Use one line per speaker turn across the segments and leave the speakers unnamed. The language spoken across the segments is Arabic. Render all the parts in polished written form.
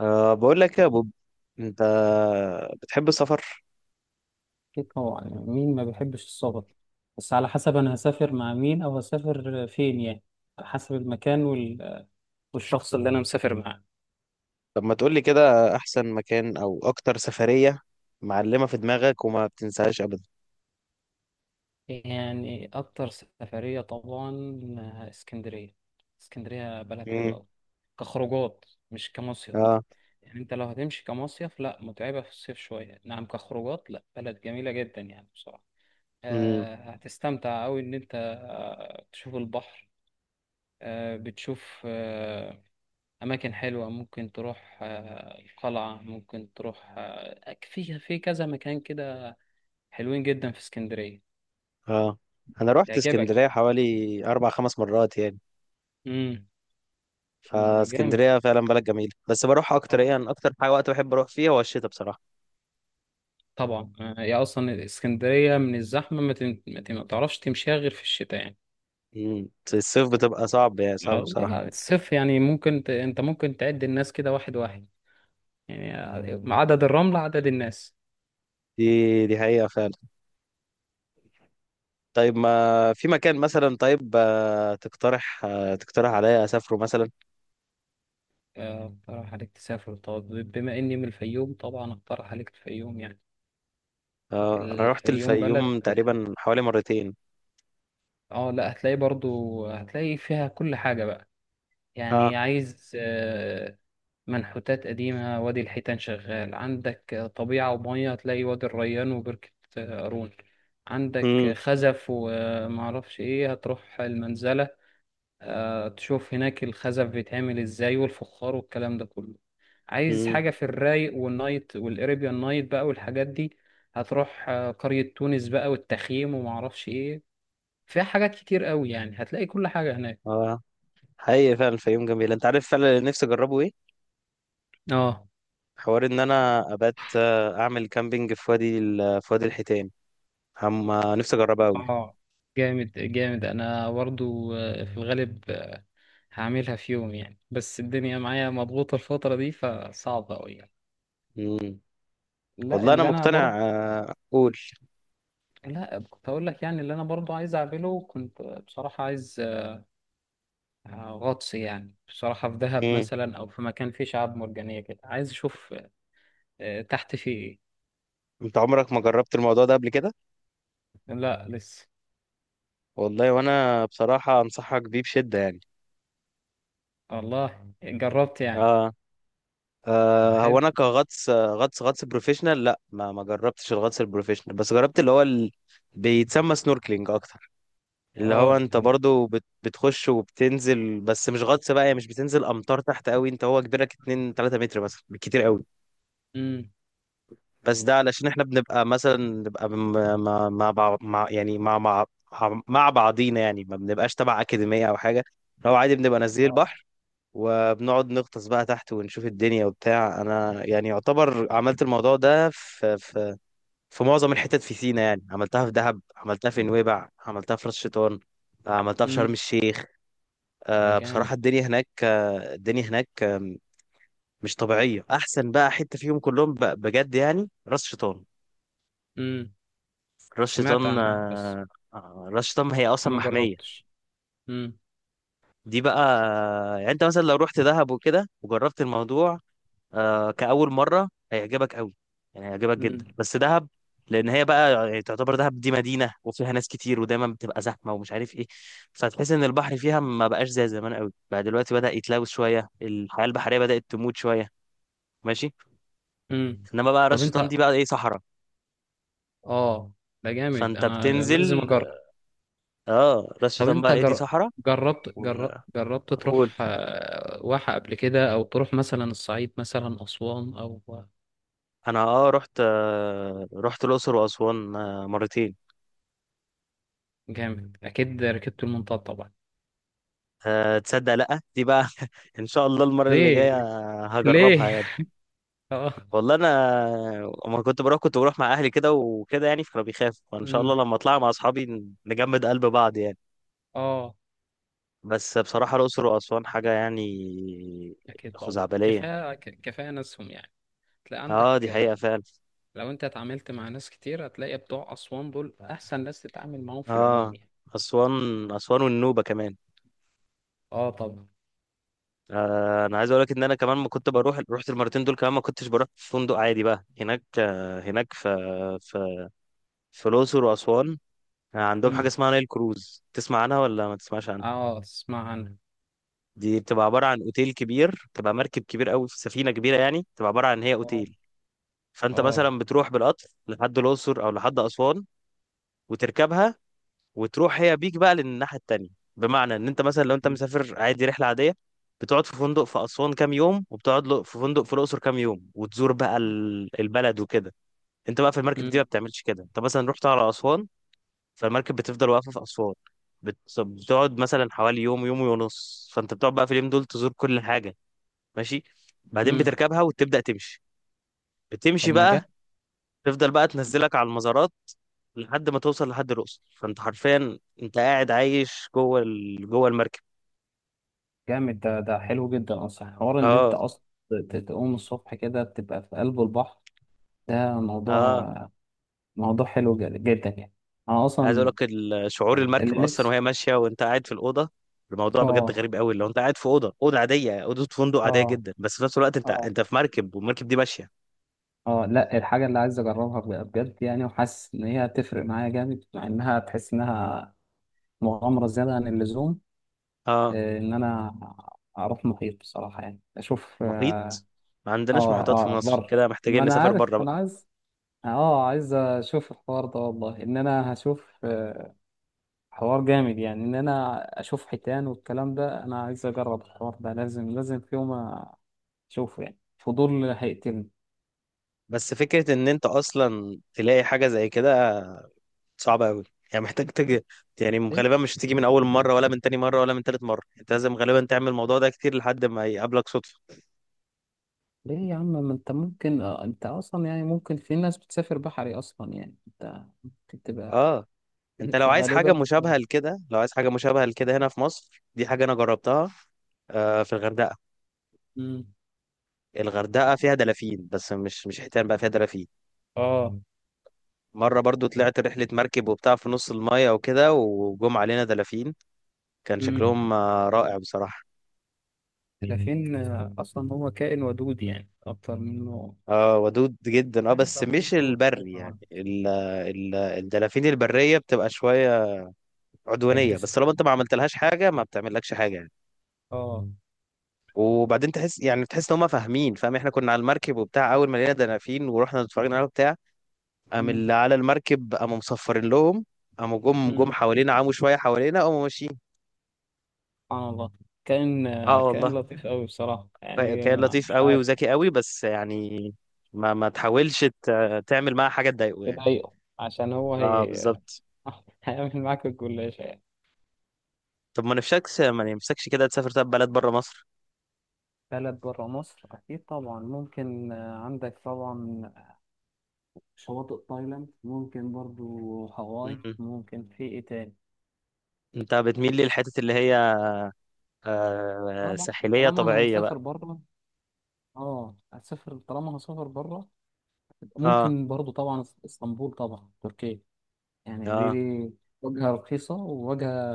بقول لك يا بوب، انت بتحب السفر؟
أكيد طبعا، يعني مين ما بيحبش السفر؟ بس على حسب، أنا هسافر مع مين أو هسافر فين يعني، على حسب المكان والشخص اللي أنا مسافر معاه.
طب ما تقول لي كده احسن مكان او اكتر سفرية معلمة في دماغك وما بتنساهاش ابدا.
يعني أكتر سفرية طبعا، اسكندرية. اسكندرية بلد حلوة
امم.
أوي، كخروجات مش كمصيف.
اه.
يعني أنت لو هتمشي كمصيف لا، متعبة في الصيف شوية، نعم، كخروجات لا، بلد جميلة جدا يعني بصراحة.
امم.
هتستمتع أوي إن أنت تشوف البحر. بتشوف، أماكن حلوة، ممكن تروح القلعة، ممكن تروح في كذا مكان كده، حلوين جدا في اسكندرية.
اه، انا رحت
يعجبك
اسكندرية
يعني.
حوالي اربع خمس مرات يعني،
امم. ما جامد،
فاسكندرية فعلا بلد جميلة، بس بروح اكتر
اه
ايه، انا اكتر حاجة وقت بحب اروح فيها هو الشتاء بصراحة.
طبعا. هي أصلا اسكندرية من الزحمة ما تعرفش تمشيها غير في الشتاء يعني.
امم. الصيف بتبقى صعب، يعني صعب
لا
بصراحة.
لا، الصيف يعني ممكن أنت ممكن تعد الناس كده واحد واحد، يعني عدد الرملة عدد الناس.
دي حقيقة فعلا. طيب، ما في مكان مثلا، طيب، تقترح عليا اسافره مثلا؟
أقترح عليك تسافر، طب بما إني من الفيوم طبعا أقترح عليك الفيوم يعني.
اه، انا رحت
الفيوم بلد،
الفيوم تقريبا حوالي مرتين.
اه لا، هتلاقي برضو، هتلاقي فيها كل حاجة بقى.
اه.
يعني عايز منحوتات قديمة، وادي الحيتان شغال عندك، طبيعة ومية، هتلاقي وادي الريان وبركة قارون، عندك
امم.
خزف، ومعرفش ايه، هتروح المنزلة، تشوف هناك الخزف بيتعمل ازاي والفخار والكلام ده كله. عايز
امم.
حاجة في الرايق والنايت والاريبيان نايت بقى والحاجات دي، هتروح قرية تونس بقى، والتخييم ومعرفش ايه. فيها حاجات كتير قوي يعني، هتلاقي كل حاجة هناك.
اه. حقيقي فعلا الفيوم جميل، انت عارف فعلا اللي نفسي اجربه ايه؟
اه.
حوار ان انا ابات اعمل كامبينج في في وادي الحيتان. هم، نفسي اجربها قوي.
اه، جامد جامد. انا برضو في الغالب هعملها في يوم يعني، بس الدنيا معايا مضغوطة الفترة دي، فصعبة قوي يعني.
امم.
لا،
والله انا
اللي انا
مقتنع،
برضو.
قول.
لا، كنت اقول لك يعني، اللي انا برضو عايز اعمله، كنت بصراحة عايز غطس يعني بصراحة، في دهب
امم.
مثلا او في مكان فيه شعاب مرجانية كده، عايز اشوف تحت فيه ايه.
انت عمرك ما جربت الموضوع ده قبل كده؟
لا لسه.
والله وانا بصراحة انصحك بيه بشدة يعني.
والله جربت يعني،
اه.
ما
هو
حلو.
انا كغطس، غطس بروفيشنال لا، ما جربتش الغطس البروفيشنال، بس جربت اللي هو ال... بيتسمى سنوركلينج اكتر. اللي هو
اه
انت
طب.
برضو بتخش وبتنزل، بس مش غطس بقى يعني، مش بتنزل امتار تحت قوي، انت هو كبيرك 2 3 متر مثلا بالكتير قوي.
امم.
بس ده علشان احنا بنبقى مثلا مع مع بعض- مع يعني مع مع مع بعضينا يعني، ما بنبقاش تبع اكاديميه او حاجه، لو عادي بنبقى نازلين البحر وبنقعد نغطس بقى تحت ونشوف الدنيا وبتاع. انا يعني يعتبر عملت الموضوع ده في في معظم الحتت في سينا يعني، عملتها في دهب، عملتها في نويبع، عملتها في راس شيطان، عملتها في شرم
امم.
الشيخ.
ده جامد.
بصراحة الدنيا هناك مش طبيعية. احسن بقى حتة فيهم كلهم بجد يعني راس شيطان.
امم.
راس
سمعت
شيطان
عنها، بس
آه، راس شيطان هي
بس
اصلا
ما
محمية
جربتش. امم.
دي بقى. يعني انت مثلا لو رحت دهب وكده وجربت الموضوع كأول مرة هيعجبك قوي، يعني هيعجبك جدا،
امم.
بس دهب لأن هي بقى يعني تعتبر، دهب دي مدينة وفيها ناس كتير ودايما بتبقى زحمة ومش عارف إيه، فتحس إن البحر فيها ما بقاش زي زمان قوي، بقى دلوقتي بدأ يتلوث شوية، الحياة البحرية بدأت تموت شوية. ماشي.
امم.
إنما بقى
طب
راس شيطان
انت.
دي بقى إيه، صحراء.
اه، ده جامد،
فأنت
انا لازم
بتنزل.
اجرب.
راس
طب
شيطان
انت
بقى إيه، دي صحراء.
جربت
وأقول،
تروح واحة قبل كده، او تروح مثلا الصعيد، مثلا اسوان او...
أنا رحت الأقصر وأسوان مرتين.
جامد، اكيد ركبت المنطاد طبعا.
أه، تصدق، لأ دي بقى إن شاء الله المرة اللي
ليه؟
جاية
ليه؟
هجربها يعني.
اه.
والله أنا، أما كنت بروح مع أهلي كده وكده يعني، فكانوا بيخافوا، فإن شاء الله
امم.
لما أطلع مع أصحابي نجمد قلب بعض يعني.
اه
بس بصراحة الأقصر وأسوان حاجة يعني
اكيد طبعا،
خزعبلية.
كفايه كفايه ناسهم يعني، تلاقي
اه دي
عندك.
حقيقة فعلا.
لو انت اتعاملت مع ناس كتير، هتلاقي بتوع أسوان دول أحسن ناس تتعامل معاهم في العموم
اه،
يعني.
أسوان، أسوان والنوبة كمان.
اه طبعا.
أنا عايز أقول لك إن أنا كمان ما كنت بروح، رحت المرتين دول كمان ما كنتش بروح في فندق عادي بقى هناك، هناك في في الأقصر وأسوان عندهم حاجة
امم.
اسمها نايل كروز، تسمع عنها ولا ما تسمعش عنها؟
اه اسمع عنها.
دي بتبقى عبارة عن اوتيل كبير، بتبقى مركب كبير قوي، في سفينة كبيرة يعني، بتبقى عبارة عن هي
اه.
اوتيل. فانت
اه.
مثلا بتروح بالقطر لحد الأقصر او لحد أسوان وتركبها، وتروح هي بيك بقى للناحية التانية. بمعنى ان انت مثلا لو انت مسافر عادي رحلة عادية، بتقعد في فندق في أسوان كام يوم، وبتقعد في فندق في الأقصر كام يوم، وتزور بقى البلد وكده. انت بقى في المركب دي ما
امم.
بتعملش كده، انت مثلا رحت على أسوان، فالمركب بتفضل واقفه في اسوان، بتقعد مثلا حوالي يوم يوم ونص، فانت بتقعد بقى في اليوم دول تزور كل حاجه. ماشي. بعدين
امم.
بتركبها وتبدا تمشي،
طب
بتمشي
ما
بقى،
جاء.
تفضل بقى تنزلك على المزارات لحد ما توصل لحد الاقصر. فانت حرفيا انت قاعد عايش جوه ال... جوه المركب.
جامد، ده حلو جدا اصلا. حوار ان انت
اه.
اصلا تقوم الصبح كده بتبقى في قلب البحر. ده
اه،
موضوع، موضوع حلو جدا يعني. انا
عايز اقول
اصلا
لك شعور المركب
اللي
اصلا
نفسي.
وهي ماشيه وانت قاعد في الاوضه، الموضوع بجد
اه.
غريب قوي. لو انت قاعد في اوضه، اوضه عاديه اوضه فندق عاديه
اه.
جدا، بس في نفس الوقت انت
اه.
انت في مركب والمركب دي ماشيه.
اه لا، الحاجة اللي عايز اجربها بجد يعني، وحاسس ان هي هتفرق معايا جامد، مع انها تحس انها مغامرة زيادة عن اللزوم.
اه.
ان انا اروح محيط بصراحة يعني، اشوف اه.
محيط. ما عندناش
اه.
محيطات في
آه،
مصر
بر
كده،
ما
محتاجين
انا
نسافر
عارف،
بره بقى.
انا عايز، اه عايز اشوف الحوار ده. والله ان انا هشوف حوار جامد يعني. ان انا اشوف حيتان والكلام ده، انا عايز اجرب الحوار ده، لازم لازم في يوم اشوفه يعني، فضول هيقتلني.
بس فكرة ان انت اصلا تلاقي حاجة زي كده صعبة قوي يعني، محتاج تجي، يعني غالبا مش هتيجي من اول مرة ولا من تاني مرة ولا من تالت مرة، انت لازم غالبا تعمل الموضوع ده كتير لحد ما يقابلك صدفة.
ليه يا عم؟ ما انت ممكن اه، انت اصلا يعني ممكن، في ناس بتسافر بحري اصلا، يعني انت ممكن تبقى
اه. انت لو
في
عايز
غالبا
حاجة مشابهة لكده، لو عايز حاجة مشابهة لكده هنا في مصر، دي حاجة انا جربتها في الغردقة.
مم.
الغردقة فيها دلافين، بس مش حيتان بقى، فيها دلافين.
اه.
مرة برضو طلعت رحلة مركب وبتاع، في نص المايه وكده وجم علينا دلافين، كان
مم.
شكلهم رائع بصراحة.
الدلافين اصلا هو كائن ودود يعني اكتر منه.
اه، ودود جدا اه، بس مش البري يعني، ال الدلافين البرية بتبقى شوية عدوانية،
اجريسيف.
بس طالما انت ما عملتلهاش حاجة ما بتعملكش حاجة يعني.
اه.
وبعدين تحس، يعني تحس ان هم فاهمين، فاهم، احنا كنا على المركب وبتاع، اول ما لقينا دلافين ورحنا اتفرجنا عليها وبتاع، قام
مم.
اللي على المركب قاموا مصفرين لهم، قاموا جم
مم.
حوالينا، عموا شوية حوالينا، قاموا ماشيين.
سبحان الله، كائن
اه
كائن
والله،
لطيف قوي بصراحة
كان
يعني.
كان لطيف
مش
قوي
عارف.
وذكي قوي، بس يعني ما تحاولش تعمل معاه حاجة تضايقه يعني.
بضايقه، عشان هو
اه
هي
بالظبط.
هيعمل معاك الجلاش.
طب ما نفسكش كده تسافر طب بلد بره مصر؟
بلد برا مصر أكيد طبعا، ممكن عندك طبعا شواطئ تايلاند، ممكن برضو هاواي،
مم.
ممكن في إيه تاني؟
انت بتميل للحتت اللي هي
طبعا
ساحلية
طالما أنا
طبيعية بقى.
مسافر برا، اه هسافر، طالما أنا هسافر برا،
اه.
ممكن برضو طبعا اسطنبول، طبعا تركيا. يعني دي,
اه،
دي وجهة رخيصة، ووجهة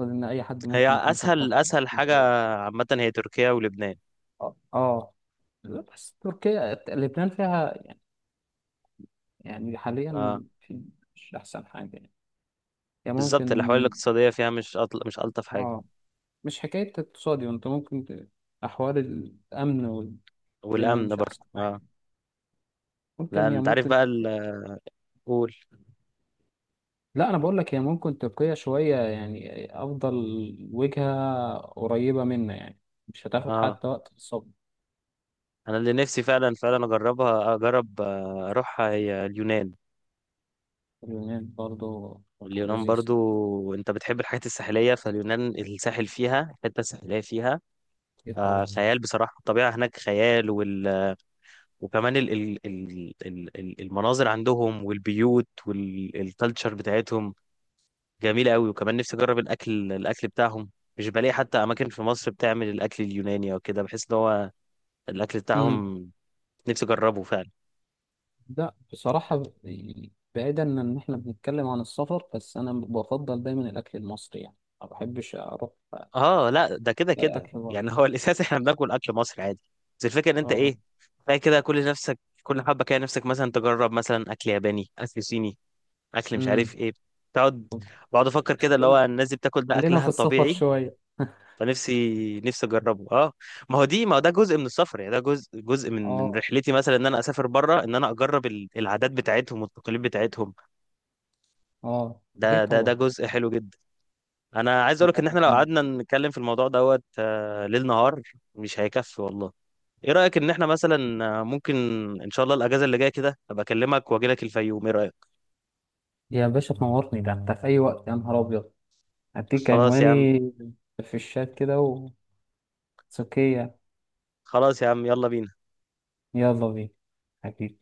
أعتقد إن أي حد
هي
ممكن يكون فكر
اسهل حاجة
فيها.
عامة، هي تركيا ولبنان.
اه آه. لا، بس تركيا لبنان فيها يعني، يعني حاليا
اه
في، مش أحسن حاجة يعني. يعني
بالظبط،
ممكن،
الاحوال الاقتصادية فيها مش الطف حاجة.
اه، مش حكاية اقتصادي، وانت ممكن أحوال الأمن والدنيا
والامن
مش
برضه
أحسن
اه.
حاجة. ممكن
لان
هي
انت عارف
ممكن.
بقى قول.
لا، أنا بقول لك، هي ممكن تبقية شوية يعني أفضل، وجهة قريبة منا يعني، مش هتاخد
اه،
حتى وقت في الصبر.
انا اللي نفسي فعلا فعلا اجربها، اجرب آه، اروحها هي اليونان.
اليونان برضه فتح
اليونان
لذيذ.
برضو انت بتحب الحاجات الساحلية، فاليونان الساحل فيها، الحتة الساحلية فيها
أكيد طبعا.
خيال بصراحة. الطبيعة هناك خيال، وكمان المناظر عندهم والبيوت والكالتشر بتاعتهم جميلة قوي. وكمان نفسي أجرب الأكل بتاعهم. مش بلاقي حتى أماكن في مصر بتعمل الأكل اليوناني أو كده، بحس إن هو الأكل
امم.
بتاعهم نفسي أجربه فعلا.
لا بصراحة يعني، بعيدا إن إحنا بنتكلم عن السفر، بس أنا بفضل دايما الأكل المصري يعني، ما بحبش أروح
لا، ده كده
ألاقي
كده
أكل بره.
يعني هو الأساس إحنا بناكل أكل مصري عادي، بس الفكرة إن أنت
أه.
إيه بقى كده كل نفسك، كل حبة كده نفسك مثلا تجرب، مثلا أكل ياباني، أكل صيني، اكل مش عارف ايه. تقعد بقعد افكر كده اللي هو
امم.
الناس دي بتاكل ده
خلينا
اكلها
في السفر
الطبيعي.
شوية
فنفسي اجربه اه. ما هو ده جزء من السفر يعني، ده جزء من
اه.
رحلتي مثلا ان انا اسافر بره، ان انا اجرب العادات بتاعتهم والتقاليد بتاعتهم.
اه اكيد
ده
طبعا.
جزء حلو جدا. انا عايز اقولك ان احنا لو قعدنا نتكلم في الموضوع دوت، ليل نهار مش هيكفي والله. ايه رايك ان احنا مثلا ممكن ان شاء الله الاجازه اللي جايه كده ابقى اكلمك واجي لك الفيوم؟ ايه رايك؟
يا باشا تنورني، ده انت في اي وقت، يا نهار ابيض، هديك
خلاص يا عم.
عنواني في الشات كده وتسكية.
خلاص يا عم، يلا بينا.
يلا بينا. حبيبي.